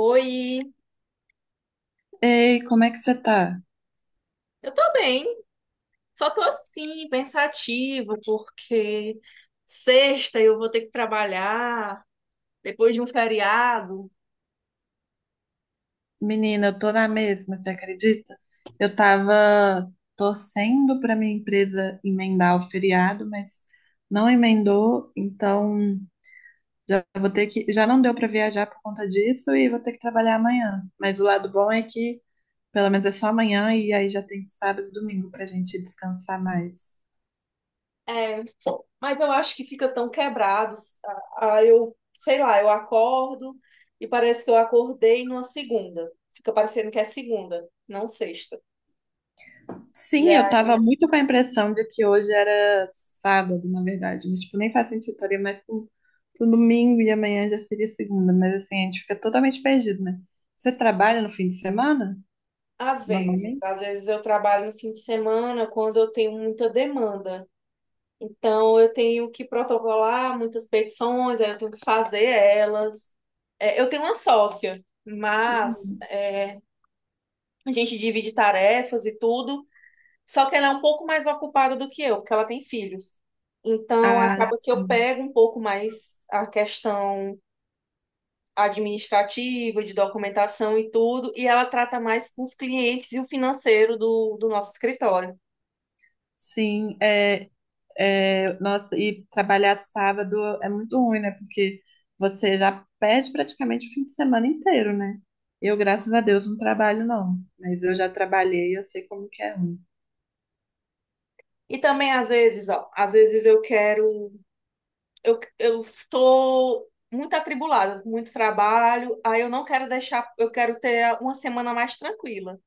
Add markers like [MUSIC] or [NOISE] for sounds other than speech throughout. Oi, Ei, como é que você tá? eu tô bem, só tô assim, pensativa, porque sexta eu vou ter que trabalhar depois de um feriado. Menina, eu tô na mesma, você acredita? Eu tava torcendo pra minha empresa emendar o feriado, mas não emendou, então já vou ter que, já não deu pra viajar por conta disso e vou ter que trabalhar amanhã. Mas o lado bom é que pelo menos é só amanhã e aí já tem sábado e domingo pra gente descansar mais. É, mas eu acho que fica tão quebrado. Ah, eu, sei lá, eu acordo e parece que eu acordei numa segunda. Fica parecendo que é segunda, não sexta. E Sim, eu aí, tava muito com a impressão de que hoje era sábado, na verdade, mas tipo, nem faz sentido, pro domingo e amanhã já seria segunda, mas assim, a gente fica totalmente perdido, né? Você trabalha no fim de semana, normalmente? às vezes eu trabalho no fim de semana quando eu tenho muita demanda. Então, eu tenho que protocolar muitas petições, aí eu tenho que fazer elas. É, eu tenho uma sócia, mas Hum. A gente divide tarefas e tudo, só que ela é um pouco mais ocupada do que eu, porque ela tem filhos. Então, Ah, acaba que eu pego um pouco mais a questão administrativa, de documentação e tudo, e ela trata mais com os clientes e o financeiro do nosso escritório. sim, nossa, e trabalhar sábado é muito ruim, né? Porque você já perde praticamente o fim de semana inteiro, né? Eu, graças a Deus, não trabalho, não, mas eu já trabalhei, eu sei como que é ruim. E também, às vezes, ó, às vezes eu quero. Eu estou muito atribulada, com muito trabalho, aí eu não quero deixar, eu quero ter uma semana mais tranquila.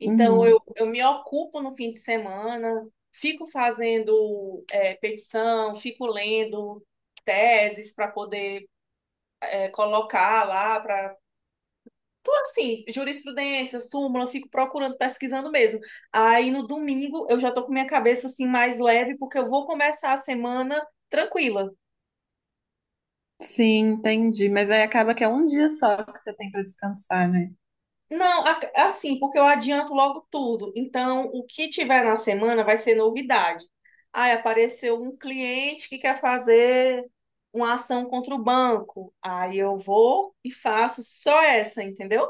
Então Uhum. eu me ocupo no fim de semana, fico fazendo petição, fico lendo teses para poder colocar lá, para tô assim, jurisprudência, súmula, eu fico procurando, pesquisando mesmo. Aí no domingo eu já tô com minha cabeça assim mais leve, porque eu vou começar a semana tranquila. Sim, entendi. Mas aí acaba que é um dia só que você tem para descansar, né? Não, assim, porque eu adianto logo tudo. Então, o que tiver na semana vai ser novidade. Aí apareceu um cliente que quer fazer uma ação contra o banco. Aí eu vou e faço só essa, entendeu?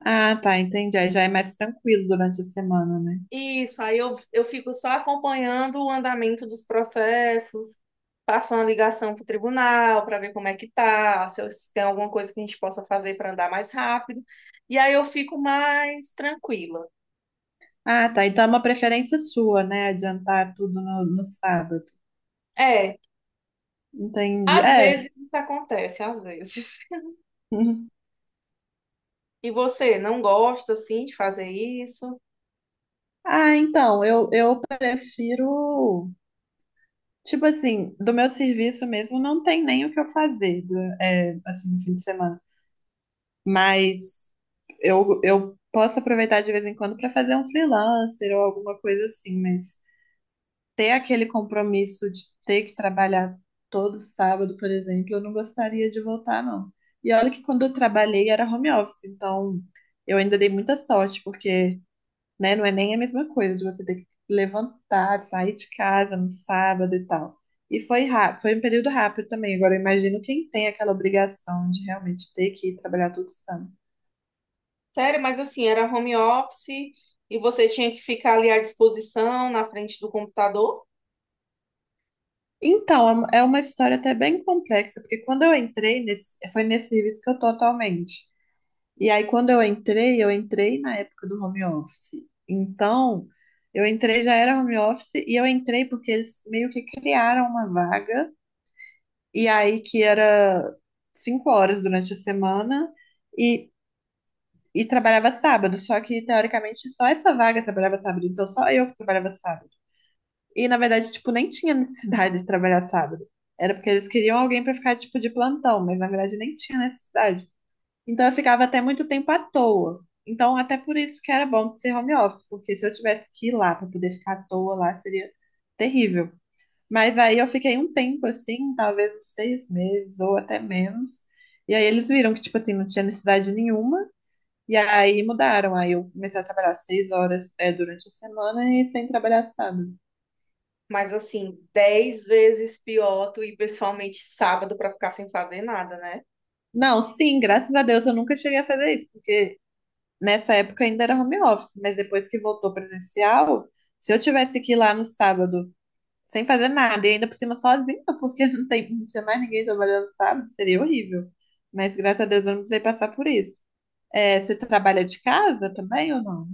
Ah, tá, entendi. Aí já é mais tranquilo durante a semana, né? Isso, aí eu fico só acompanhando o andamento dos processos, faço uma ligação para o tribunal para ver como é que tá, se tem alguma coisa que a gente possa fazer para andar mais rápido. E aí eu fico mais tranquila. Ah, tá. Então é uma preferência sua, né? Adiantar tudo no sábado. É. Entendi. Às É. vezes [LAUGHS] isso acontece, às vezes. [LAUGHS] Uhum. E você não gosta assim de fazer isso? Ah, então, eu prefiro. Tipo assim, do meu serviço mesmo não tem nem o que eu fazer, é, assim, no fim de semana. Mas eu posso aproveitar de vez em quando para fazer um freelancer ou alguma coisa assim, mas. Ter aquele compromisso de ter que trabalhar todo sábado, por exemplo, eu não gostaria de voltar, não. E olha que quando eu trabalhei era home office, então eu ainda dei muita sorte, porque, né, não é nem a mesma coisa de você ter que levantar, sair de casa no sábado e tal. E foi rápido, foi um período rápido também. Agora eu imagino quem tem aquela obrigação de realmente ter que ir trabalhar todo sábado. Sério, mas assim, era home office e você tinha que ficar ali à disposição na frente do computador, Então, é uma história até bem complexa, porque quando eu entrei nesse, foi nesse serviço que eu tô atualmente. E aí, quando eu entrei na época do home office. Então, eu entrei, já era home office, e eu entrei porque eles meio que criaram uma vaga, e aí que era cinco horas durante a semana, e, e trabalhava sábado. Só que, teoricamente, só essa vaga trabalhava sábado, então só eu que trabalhava sábado. E, na verdade, tipo, nem tinha necessidade de trabalhar sábado. Era porque eles queriam alguém para ficar, tipo, de plantão, mas na verdade nem tinha necessidade. Então eu ficava até muito tempo à toa. Então, até por isso que era bom ser home office, porque se eu tivesse que ir lá para poder ficar à toa lá, seria terrível. Mas aí eu fiquei um tempo assim, talvez uns seis meses ou até menos. E aí eles viram que, tipo assim, não tinha necessidade nenhuma. E aí mudaram. Aí eu comecei a trabalhar seis horas, é, durante a semana e sem trabalhar sábado. mas assim, dez vezes pior tu ir pessoalmente sábado para ficar sem fazer nada, né? Não, sim, graças a Deus eu nunca cheguei a fazer isso, porque nessa época ainda era home office, mas depois que voltou presencial. Se eu tivesse que ir lá no sábado sem fazer nada, e ainda por cima sozinha, porque [LAUGHS] não tinha mais ninguém trabalhando sábado, seria horrível. Mas graças a Deus eu não precisei passar por isso. É, você trabalha de casa também ou não?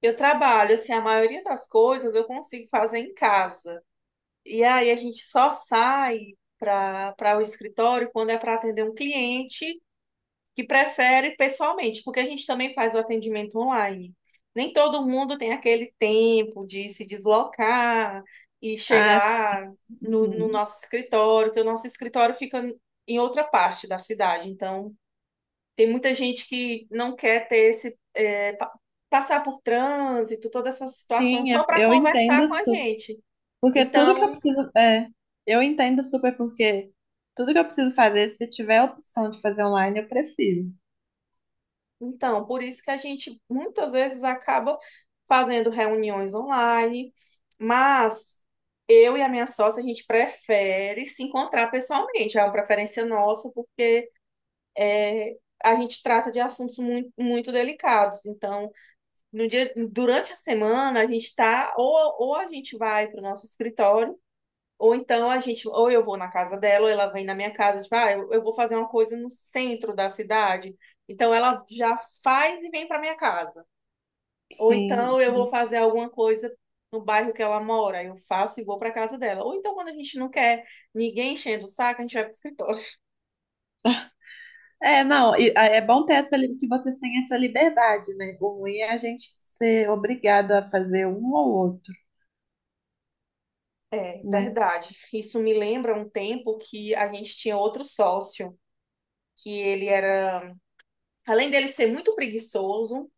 Eu trabalho, assim, a maioria das coisas eu consigo fazer em casa. E aí a gente só sai para o escritório quando é para atender um cliente que prefere pessoalmente, porque a gente também faz o atendimento online. Nem todo mundo tem aquele tempo de se deslocar e Ah, sim. chegar no Uhum. nosso escritório, que o nosso escritório fica em outra parte da cidade. Então, tem muita gente que não quer ter esse, passar por trânsito, toda essa situação, Sim, só para eu conversar entendo com a super. gente. Porque tudo que eu Então, preciso. É, eu entendo super, porque tudo que eu preciso fazer, se tiver a opção de fazer online, eu prefiro. então, por isso que a gente muitas vezes acaba fazendo reuniões online, mas eu e a minha sócia, a gente prefere se encontrar pessoalmente, é uma preferência nossa, porque é, a gente trata de assuntos muito, muito delicados. Então, no dia, durante a semana, a gente está, ou a gente vai para o nosso escritório, ou então ou eu vou na casa dela, ou ela vem na minha casa, tipo, ah, eu vou fazer uma coisa no centro da cidade. Então ela já faz e vem para minha casa. Ou Sim. então eu vou Uhum. fazer alguma coisa no bairro que ela mora, eu faço e vou para casa dela. Ou então quando a gente não quer ninguém enchendo o saco, a gente vai pro escritório. [LAUGHS] É, não, e, a- é bom ter que você tenha essa liberdade, né? O ruim é a gente ser obrigado a fazer um ou outro. É, Né? verdade. Isso me lembra um tempo que a gente tinha outro sócio, que ele era, além dele ser muito preguiçoso,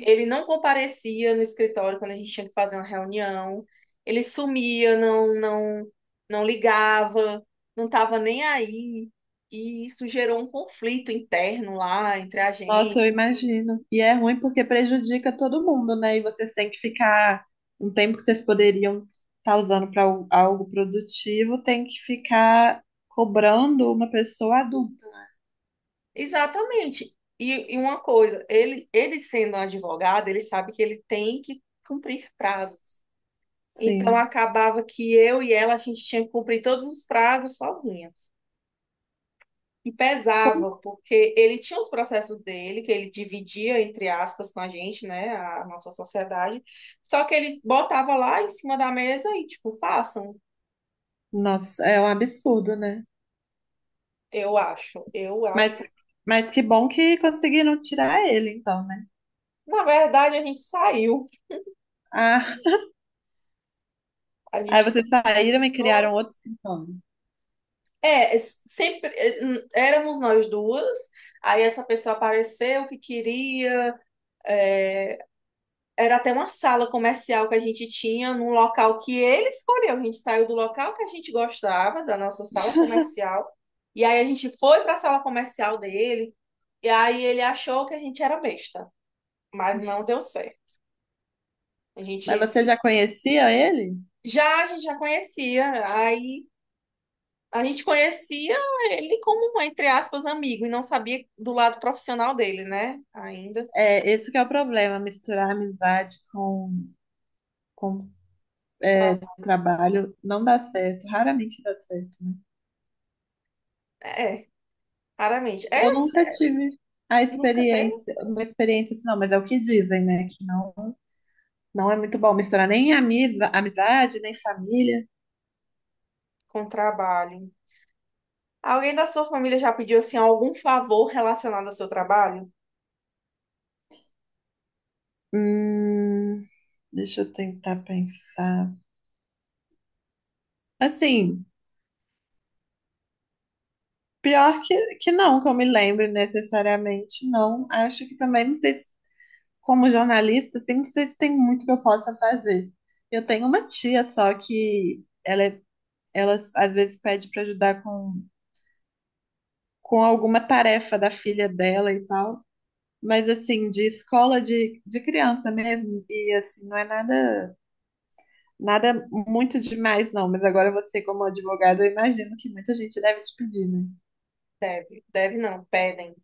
ele não comparecia no escritório quando a gente tinha que fazer uma reunião. Ele sumia, não, não ligava, não estava nem aí. E isso gerou um conflito interno lá entre a Nossa, eu gente. imagino. E é ruim porque prejudica todo mundo, né? E vocês têm que ficar um tempo que vocês poderiam estar usando para algo produtivo, tem que ficar cobrando uma pessoa adulta. Exatamente. E uma coisa, ele sendo um advogado, ele sabe que ele tem que cumprir prazos. Então Sim. acabava que eu e ela, a gente tinha que cumprir todos os prazos sozinha. E pesava, porque ele tinha os processos dele, que ele dividia, entre aspas, com a gente, né, a nossa sociedade, só que ele botava lá em cima da mesa e, tipo, façam, Nossa, é um absurdo, né? Eu acho. Mas, mas que bom que conseguiram tirar ele, então, né? Na verdade, a gente saiu, Ah, a aí gente vocês saíram e criaram cantou. outro escritório. É, sempre, é, éramos nós duas, aí essa pessoa apareceu que queria, era até uma sala comercial que a gente tinha num local que ele escolheu. A gente saiu do local que a gente gostava, da nossa sala comercial, e aí a gente foi para a sala comercial dele, e aí ele achou que a gente era besta, mas não deu certo. A Mas gente você se- já conhecia ele? já a gente já conhecia, aí a gente conhecia ele como um, entre aspas, amigo, e não sabia do lado profissional dele, né? Ainda. É, esse que é o problema, misturar amizade com é, Tá. trabalho não dá certo, raramente dá certo, né? É, raramente. É, Eu nunca tive nunca teve uma experiência assim, não, mas é o que dizem, né? Que não, não é muito bom misturar nem amizade, nem família. com trabalho. Alguém da sua família já pediu assim algum favor relacionado ao seu trabalho? Hum, deixa eu tentar pensar. Assim, pior que não, que eu me lembre necessariamente, não. Acho que também, não sei se, como jornalista, assim, não sei se tem muito que eu possa fazer. Eu tenho uma tia só que ela às vezes pede para ajudar com alguma tarefa da filha dela e tal. Mas assim, de de criança mesmo, e assim, não é nada muito demais, não. Mas agora você, como advogado, eu imagino que muita gente deve te pedir, né? Deve, deve não, pedem.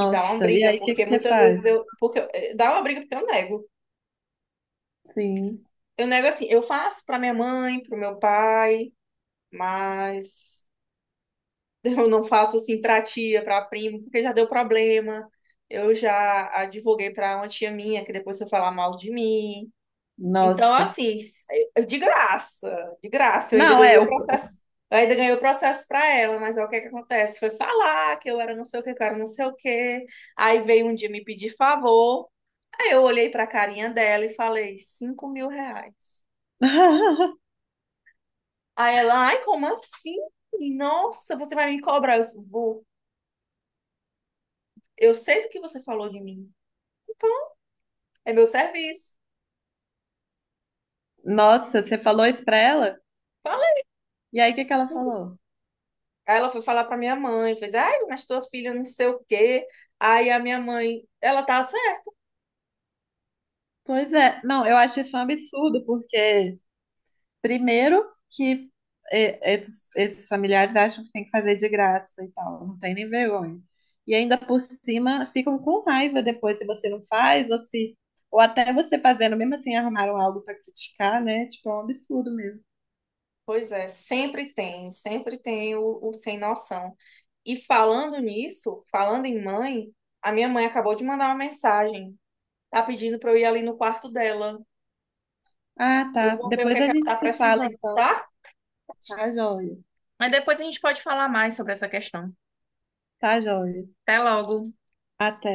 E dá uma e briga, aí o que que porque você muitas faz? vezes eu, porque eu- eh, dá uma briga porque eu nego. Sim, Eu nego assim, eu faço para minha mãe, para o meu pai, mas [LAUGHS] eu não faço assim para tia, para primo, porque já deu problema. Eu já advoguei para uma tia minha que depois foi falar mal de mim. Então, nossa. assim, de graça, eu ainda Não, ganhei é. o O- processo, eu ainda ganhei o processo para ela, mas aí o que que acontece? Foi falar que eu era não sei o que, que eu era não sei o que. Aí veio um dia me pedir favor, aí eu olhei para a carinha dela e falei, R$ 5.000. [LAUGHS] Aí ela, ai, como assim? Nossa, você vai me cobrar? Vou. Eu sei do que você falou de mim. Então é meu serviço. Nossa, você falou isso pra ela? Falei. E aí o que que ela falou? Aí ela foi falar pra minha mãe, fez, ai, mas tua filha não sei o quê. Aí a minha mãe, ela tá assim, Pois é, não, eu acho isso um absurdo, porque primeiro que esses familiares acham que tem que fazer de graça e tal, não tem nem vergonha. E ainda por cima ficam com raiva depois se você não faz, ou se, ou até você fazendo, mesmo assim arrumaram algo para criticar, né? Tipo, é um absurdo mesmo. pois é, sempre tem o sem noção. E falando nisso, falando em mãe, a minha mãe acabou de mandar uma mensagem. Tá pedindo para eu ir ali no quarto dela. Ah, Eu tá. vou ver o que Depois é a que ela gente tá se fala, precisando, então. tá? Tá joia. Mas depois a gente pode falar mais sobre essa questão. Tá joia. Até logo. Até.